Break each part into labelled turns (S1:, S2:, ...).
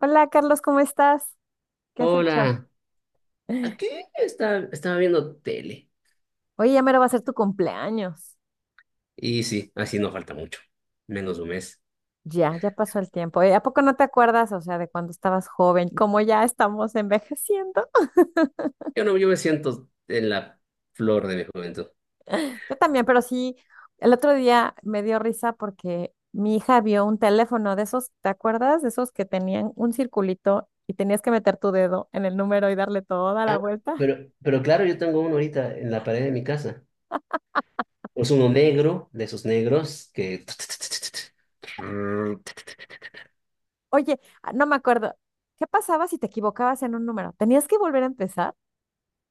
S1: Hola Carlos, ¿cómo estás? ¿Qué has hecho?
S2: Hola, aquí estaba viendo tele.
S1: Oye, ya mero va a ser tu cumpleaños.
S2: Y sí, así no falta mucho, menos de un mes.
S1: Ya, ya pasó el tiempo. Oye, ¿a poco no te acuerdas, o sea, de cuando estabas joven, cómo ya estamos envejeciendo?
S2: Yo no, yo me siento en la flor de mi juventud.
S1: Yo también, pero sí, el otro día me dio risa porque mi hija vio un teléfono de esos, ¿te acuerdas? De esos que tenían un circulito y tenías que meter tu dedo en el número y darle toda la vuelta.
S2: Pero, pero claro, yo tengo uno ahorita en la pared de mi casa. Es uno negro, de esos negros que
S1: Oye, no me acuerdo. ¿Qué pasaba si te equivocabas en un número? ¿Tenías que volver a empezar?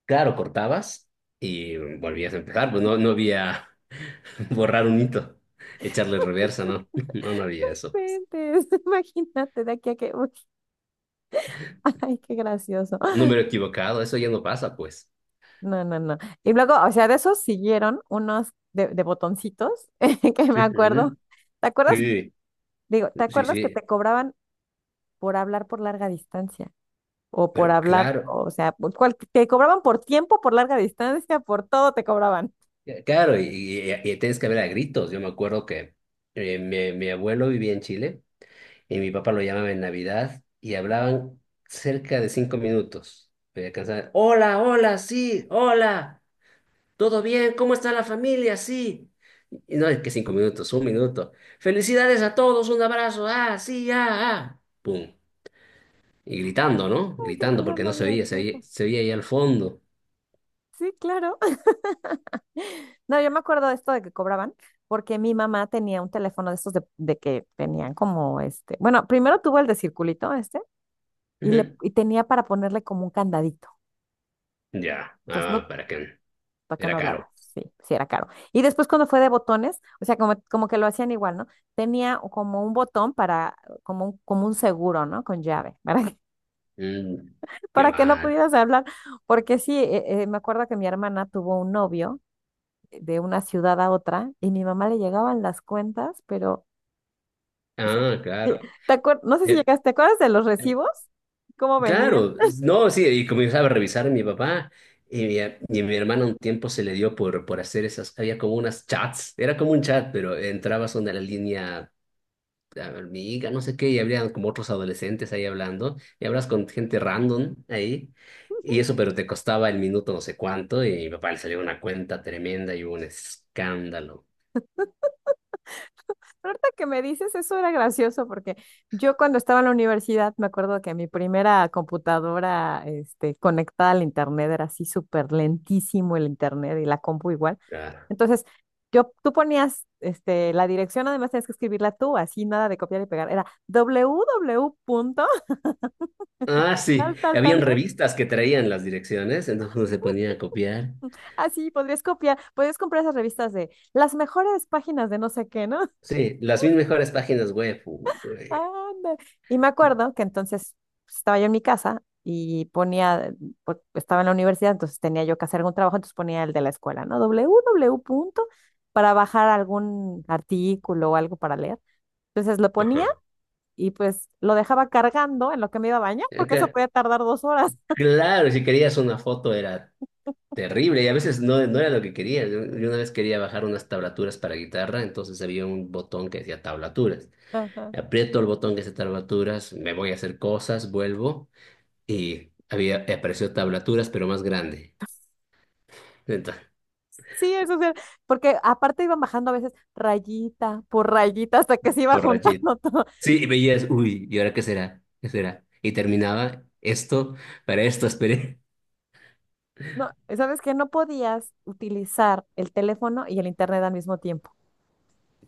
S2: Claro, cortabas y volvías a empezar, pues no, no había borrar un hito, echarle reversa, ¿no? No, no había eso.
S1: Inventes, Imagínate de aquí a uy. Ay, qué gracioso.
S2: Número equivocado, eso ya no pasa, pues.
S1: No, no, no. Y luego, o sea, de esos siguieron unos de botoncitos que me acuerdo.
S2: Ujú.
S1: ¿Te acuerdas?
S2: Sí,
S1: Digo, ¿te
S2: sí,
S1: acuerdas que
S2: sí.
S1: te cobraban por hablar por larga distancia? O por
S2: Pero
S1: hablar,
S2: claro,
S1: o sea, te cobraban por tiempo, por larga distancia, por todo te cobraban.
S2: claro, y tienes que ver a gritos. Yo me acuerdo que mi abuelo vivía en Chile y mi papá lo llamaba en Navidad y hablaban cerca de 5 minutos. Me alcanzaba, hola, hola, sí, hola, ¿todo bien? ¿Cómo está la familia? Sí. Y no es que 5 minutos, un minuto. Felicidades a todos, un abrazo, ah, sí, ah, ah. Pum. Y gritando, ¿no?
S1: Ay, qué
S2: Gritando
S1: cosa
S2: porque no
S1: más
S2: se oía, se oía,
S1: graciosa.
S2: se oía ahí al fondo.
S1: Sí, claro. No, yo me acuerdo de esto de que cobraban, porque mi mamá tenía un teléfono de estos de que tenían como este. Bueno, primero tuvo el de circulito, este. Y, le,
S2: Ujú.
S1: y tenía para ponerle como un candadito.
S2: Ya,
S1: Entonces,
S2: ah,
S1: no,
S2: para qué.
S1: para que
S2: Era
S1: no
S2: caro.
S1: hablara. Sí, sí era caro. Y después cuando fue de botones, o sea, como que lo hacían igual, ¿no? Tenía como un botón para, como un seguro, ¿no? Con llave, para que,
S2: Mm, Qué
S1: para que no
S2: mal.
S1: pudieras hablar. Porque sí, me acuerdo que mi hermana tuvo un novio de una ciudad a otra y mi mamá le llegaban las cuentas, pero sí,
S2: Ah,
S1: sí,
S2: claro.
S1: No sé si
S2: Eh,
S1: llegaste, ¿te acuerdas de los
S2: eh,
S1: recibos? ¿Cómo venían?
S2: claro, no, sí, y comenzaba a revisar a mi papá y mi hermana un tiempo se le dio por hacer esas, había como unas chats, era como un chat, pero entrabas a una línea amiga, no sé qué, y habría como otros adolescentes ahí hablando, y hablas con gente random ahí, y eso, pero te costaba el minuto no sé cuánto, y mi papá le salió una cuenta tremenda y hubo un escándalo.
S1: Ahorita que me dices, eso era gracioso porque yo cuando estaba en la universidad me acuerdo que mi primera computadora conectada al internet era así súper lentísimo el internet y la compu igual.
S2: Ah,
S1: Entonces, tú ponías la dirección, además tenías que escribirla tú, así nada de copiar y pegar. Era www.
S2: Ah, sí.
S1: Tal, tal, tal,
S2: Habían
S1: tal.
S2: revistas que traían las direcciones, entonces uno se ponía a copiar.
S1: Así podrías copiar, podrías comprar esas revistas de las mejores páginas de no sé qué, ¿no?
S2: Sí, las mil mejores páginas web. Eh,
S1: Anda. Y me acuerdo que entonces pues, estaba yo en mi casa y ponía, estaba en la universidad, entonces tenía yo que hacer algún trabajo, entonces ponía el de la escuela, ¿no? www punto para bajar algún artículo o algo para leer. Entonces lo
S2: Ajá.
S1: ponía y pues lo dejaba cargando en lo que me iba a bañar, porque eso
S2: Acá.
S1: podía tardar 2 horas.
S2: Claro, si querías una foto era terrible y a veces no era lo que quería. Yo una vez quería bajar unas tablaturas para guitarra, entonces había un botón que decía tablaturas.
S1: Ajá.
S2: Aprieto el botón que dice tablaturas, me voy a hacer cosas, vuelvo y apareció tablaturas, pero más grande.
S1: Sí, eso sí, porque aparte iban bajando a veces rayita por rayita hasta que se iba
S2: Entonces,
S1: juntando todo.
S2: sí, y veías, uy, ¿y ahora qué será? ¿Qué será? Y terminaba esto, para esto esperé.
S1: No, ¿sabes qué? No podías utilizar el teléfono y el internet al mismo tiempo.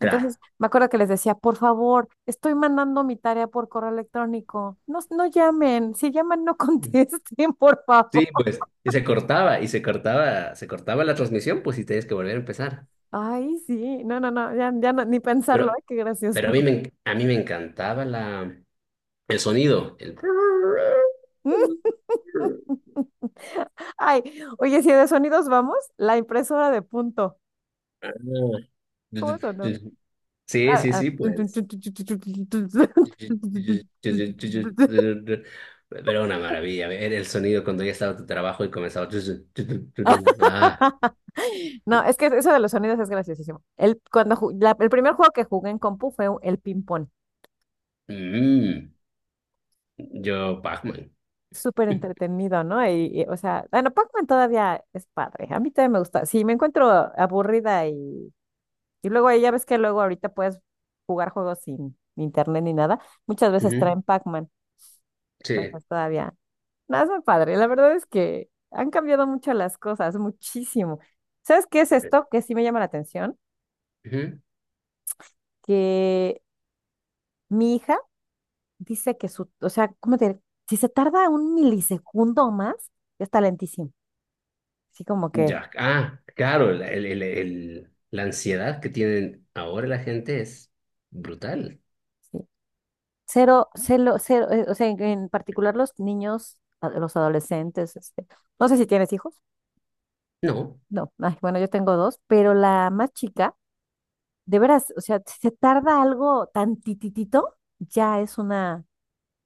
S2: Tra.
S1: me acuerdo que les decía, por favor, estoy mandando mi tarea por correo electrónico. No, no llamen, si llaman, no contesten, por
S2: Sí,
S1: favor.
S2: pues, y se cortaba la transmisión, pues, y tenías que volver a empezar.
S1: Ay, sí, no, no, no, ya, ya no, ni pensarlo,
S2: Pero,
S1: ay, qué gracioso.
S2: pero a mí me encantaba el sonido.
S1: Ay, oye, si de sonidos vamos, la impresora de punto. ¿Cómo sonó?
S2: Sí,
S1: Ah,
S2: sí,
S1: ah.
S2: sí, pues. Pero una maravilla, ver el sonido cuando ya estaba tu trabajo y comenzaba. Ah.
S1: No, es que eso de los sonidos es graciosísimo. El, cuando ju- la- el primer juego que jugué en compu fue el ping-pong.
S2: Mm, yo, Pac-Man.
S1: Súper entretenido, ¿no? O sea, bueno, Pac-Man todavía es padre. A mí todavía me gusta. Si me encuentro aburrida y luego ahí ya ves que luego ahorita puedes jugar juegos sin internet ni nada, muchas veces
S2: Ujú.
S1: traen Pac-Man.
S2: Sí.
S1: Entonces todavía. Nada, es muy padre. La verdad es que han cambiado mucho las cosas, muchísimo. ¿Sabes qué es esto que sí me llama la atención?
S2: Ujú.
S1: Que mi hija dice que su, o sea, ¿cómo te diré? Si se tarda un milisegundo o más, ya está lentísimo. Así como que,
S2: Ya. Ah, claro, la ansiedad que tienen ahora la gente es brutal.
S1: sí. Cero, cero, cero, o sea, en particular los niños, los adolescentes, no sé si tienes hijos,
S2: No.
S1: no, ay, bueno, yo tengo dos, pero la más chica, de veras, o sea, si se tarda algo tan tititito, ya es una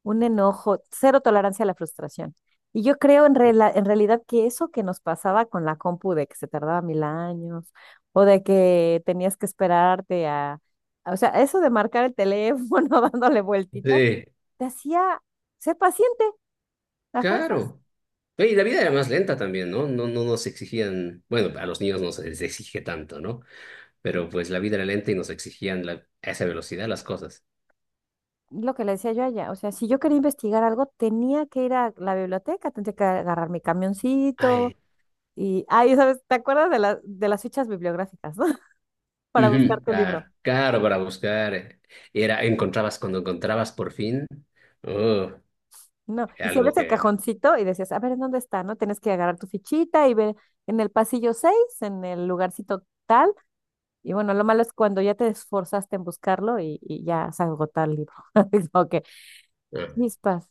S1: un enojo, cero tolerancia a la frustración. Y yo creo en realidad que eso que nos pasaba con la compu de que se tardaba mil años o de que tenías que esperarte o sea, eso de marcar el teléfono dándole vueltitas,
S2: Sí,
S1: te hacía ser paciente a fuerzas.
S2: claro. Oye, y la vida era más lenta también, ¿no? No, no nos exigían, bueno, a los niños no se les exige tanto, ¿no? Pero pues la vida era lenta y nos exigían a esa velocidad las cosas.
S1: Lo que le decía yo allá, o sea, si yo quería investigar algo, tenía que ir a la biblioteca, tenía que agarrar mi camioncito
S2: Ay.
S1: y, ay, ¿sabes? ¿Te acuerdas de las fichas bibliográficas, ¿no? Para buscar
S2: Ujú.
S1: tu libro.
S2: Claro, claro, para buscar. Encontrabas cuando encontrabas por fin. Oh,
S1: No, y si
S2: algo
S1: abres el
S2: que.
S1: cajoncito y decías, a ver, ¿en dónde está? ¿No? Tienes que agarrar tu fichita y ver en el pasillo 6 en el lugarcito tal. Y bueno, lo malo es cuando ya te esforzaste en buscarlo y ya se agotó el libro. Es como que, chispas.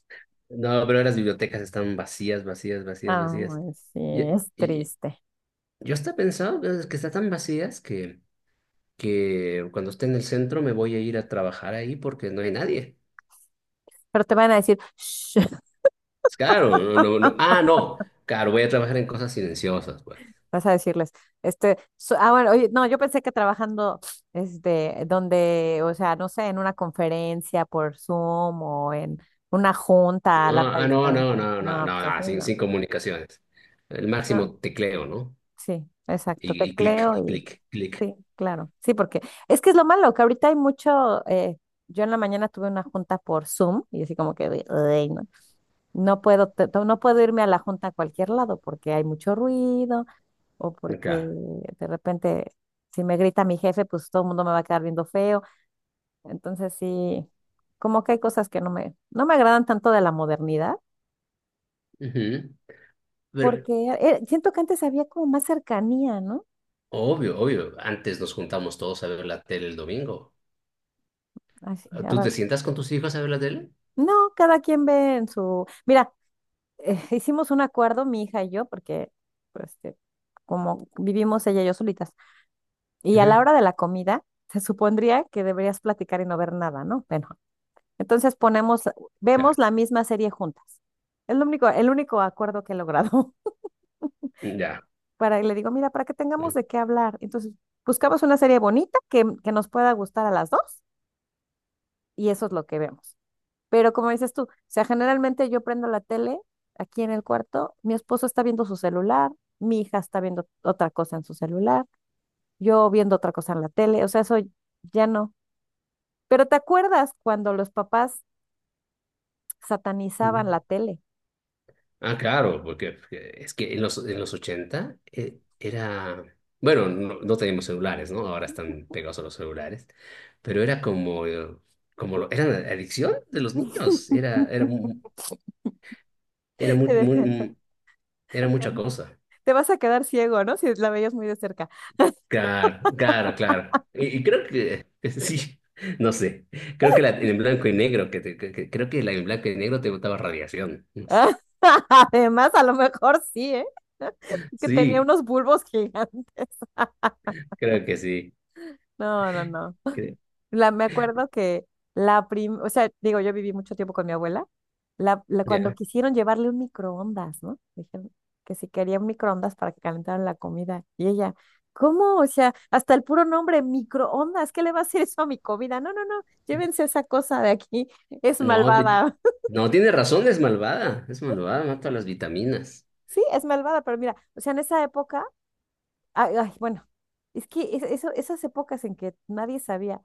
S2: No, pero las bibliotecas están vacías, vacías, vacías, vacías.
S1: Ay, sí,
S2: Y,
S1: es
S2: y
S1: triste.
S2: yo hasta pensaba pues, que están tan vacías que cuando esté en el centro me voy a ir a trabajar ahí porque no hay nadie.
S1: Pero te van a decir, "Shh",
S2: Es claro, no, no, no. Ah, no, claro, voy a trabajar en cosas silenciosas, pues.
S1: vas a decirles, bueno, oye, no, yo pensé que trabajando, donde, o sea, no sé, en una conferencia por Zoom o en una junta
S2: No,
S1: a larga
S2: ah, no, no,
S1: distancia.
S2: no, no,
S1: No,
S2: no,
S1: pues así
S2: no, sin,
S1: no.
S2: sin comunicaciones. El
S1: No,
S2: máximo tecleo, ¿no?
S1: sí, exacto,
S2: Y clic, y
S1: tecleo y
S2: clic, clic.
S1: sí, claro. Sí, porque es que es lo malo, que ahorita hay mucho, yo en la mañana tuve una junta por Zoom y así como que, de, "Ay, no, no puedo, no puedo irme a la junta a cualquier lado porque hay mucho ruido o porque
S2: Claro.
S1: de repente si me grita mi jefe, pues todo el mundo me va a quedar viendo feo. Entonces sí, como que hay cosas que no me agradan tanto de la modernidad
S2: Ujú. Pero,
S1: porque siento que antes había como más cercanía, ¿no?
S2: obvio, obvio. Antes nos juntamos todos a ver la tele el domingo.
S1: Así,
S2: ¿Tú
S1: ahora
S2: te sientas con tus hijos a ver la tele?
S1: no, cada quien ve en su. Mira, hicimos un acuerdo, mi hija y yo, porque pues, como vivimos ella y yo solitas, y a la
S2: Ujú.
S1: hora de la comida, se supondría que deberías platicar y no ver nada, ¿no? Bueno, entonces
S2: Claro.
S1: vemos la misma serie juntas. Es lo único, el único acuerdo que he logrado.
S2: Ya.
S1: Y le digo, mira, para que tengamos
S2: Ujú.
S1: de qué hablar. Entonces, buscamos una serie bonita que nos pueda gustar a las dos, y eso es lo que vemos. Pero como dices tú, o sea, generalmente yo prendo la tele aquí en el cuarto, mi esposo está viendo su celular, mi hija está viendo otra cosa en su celular, yo viendo otra cosa en la tele, o sea, eso ya no. Pero ¿te acuerdas cuando los papás satanizaban la tele?
S2: Ah, claro, porque es que en los 80 era. Bueno, no teníamos celulares, ¿no? Ahora están pegados a los celulares. Pero era como, como era la adicción de los niños. Era, era, mu- era, muy,
S1: Te
S2: muy, era mucha cosa.
S1: te vas a quedar ciego, ¿no? Si la veías muy de cerca.
S2: Claro, claro, claro. Y creo que sí, no sé. Creo que la en blanco y negro, que, te- que- creo que la en blanco y negro te botaba radiación.
S1: Además, a lo mejor sí, ¿eh? Que tenía
S2: Sí,
S1: unos bulbos gigantes.
S2: creo que sí.
S1: No, no, no.
S2: Cre-
S1: Me acuerdo que la prim, o sea, digo, yo viví mucho tiempo con mi abuela. Cuando
S2: ya.
S1: quisieron llevarle un microondas, ¿no? Dijeron que si quería un microondas para que calentaran la comida. Y ella, ¿cómo? O sea, hasta el puro nombre, microondas, ¿qué le va a hacer eso a mi comida? No, no, no, llévense esa cosa de aquí, es
S2: No,
S1: malvada.
S2: no tiene razón, es malvada. Es malvada, mata las vitaminas.
S1: Sí, es malvada, pero mira, o sea, en esa época, ay, ay, bueno, es que esas épocas en que nadie sabía.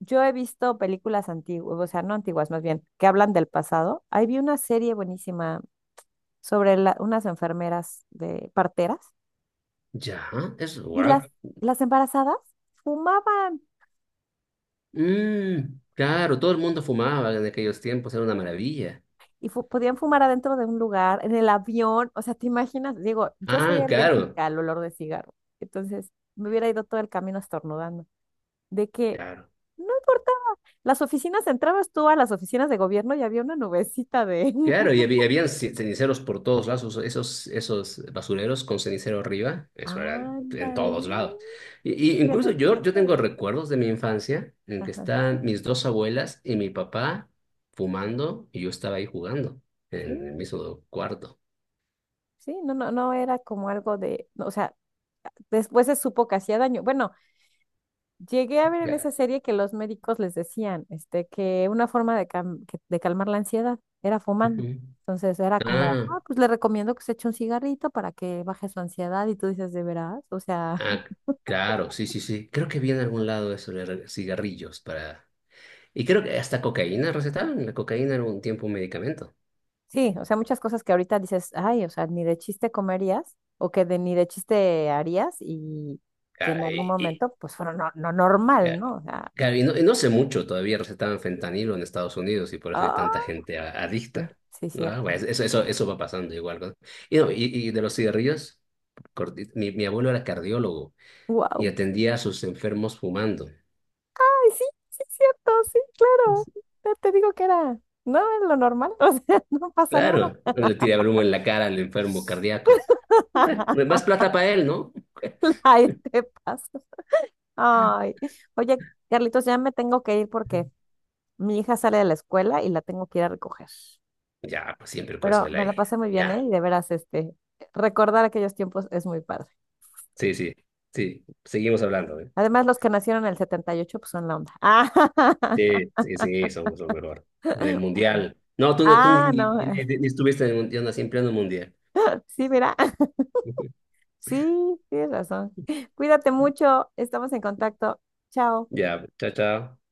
S1: Yo he visto películas antiguas, o sea, no antiguas, más bien, que hablan del pasado. Ahí vi una serie buenísima sobre unas enfermeras de parteras
S2: Ya, eso,
S1: y las,
S2: wow.
S1: las embarazadas fumaban
S2: Claro, todo el mundo fumaba en aquellos tiempos, era una maravilla.
S1: y podían fumar adentro de un lugar, en el avión. O sea, ¿te imaginas? Digo, yo soy
S2: Ah, claro,
S1: alérgica al olor de cigarro, entonces me hubiera ido todo el camino estornudando. De que
S2: claro.
S1: no importa, las oficinas, entrabas tú a las oficinas de gobierno y había una nubecita de.
S2: Claro, y habían ceniceros por todos lados, esos basureros con cenicero arriba, eso era en
S1: Ándale,
S2: todos lados. Y
S1: ya no
S2: incluso yo
S1: existe.
S2: tengo recuerdos de mi infancia en que
S1: Ajá.
S2: están mis dos abuelas y mi papá fumando y yo estaba ahí jugando
S1: Sí,
S2: en el mismo cuarto.
S1: sí, no, no, no era como algo de, no, o sea, después se supo que hacía daño. Bueno, llegué a ver en
S2: Ya.
S1: esa serie que los médicos les decían, que una forma de calmar la ansiedad era fumando.
S2: Ujú.
S1: Entonces era como,
S2: Ah,
S1: ah, pues le recomiendo que se eche un cigarrito para que baje su ansiedad y tú dices, ¿de veras? O sea,
S2: ah, claro, sí, sí, sí. Creo que vi en algún lado eso de cigarrillos para. Y creo que hasta cocaína recetaban, la cocaína era un tiempo un medicamento.
S1: sí, o sea, muchas cosas que ahorita dices, ay, o sea, ni de chiste comerías o que ni de chiste harías y que
S2: Ah,
S1: en algún momento pues fueron no normal,
S2: ya.
S1: ¿no? O sea,
S2: Claro, y no sé mucho, todavía recetaban fentanilo en Estados Unidos y por eso hay tanta
S1: ¡ah!
S2: gente
S1: Sí,
S2: adicta.
S1: sí,
S2: ¿No?
S1: cierto.
S2: Pues, eso va pasando igual. ¿No? No, y de los cigarrillos, mi abuelo era cardiólogo y
S1: Wow.
S2: atendía a sus enfermos fumando.
S1: Ay, sí, sí, cierto, sí, claro.
S2: Es-
S1: Ya te digo que no era lo normal, o sea, no pasa nada.
S2: Claro, le tiraba el humo en la cara al enfermo cardíaco. Bueno, más plata para él, ¿no?
S1: Ay, te pasa. Ay, oye, Carlitos, ya me tengo que ir porque mi hija sale de la escuela y la tengo que ir a recoger.
S2: Ya, pues siempre el
S1: Pero
S2: consuela
S1: me la
S2: ahí.
S1: pasé muy bien,
S2: Ya,
S1: ¿eh? Y de veras, recordar aquellos tiempos es muy padre.
S2: sí, sí, sí, seguimos hablando, ¿eh?
S1: Además, los que nacieron en el 78 pues son la onda. Ah,
S2: Sí, sí, sí, somos lo mejor. En el
S1: bueno.
S2: mundial. No, tú ni,
S1: Ah,
S2: ni-
S1: no.
S2: ni- ni- ni estuviste en el mundial, no, siempre en el mundial.
S1: Sí, mira. Sí, tienes razón. Cuídate mucho, estamos en contacto. Chao.
S2: Ya, chao, chao.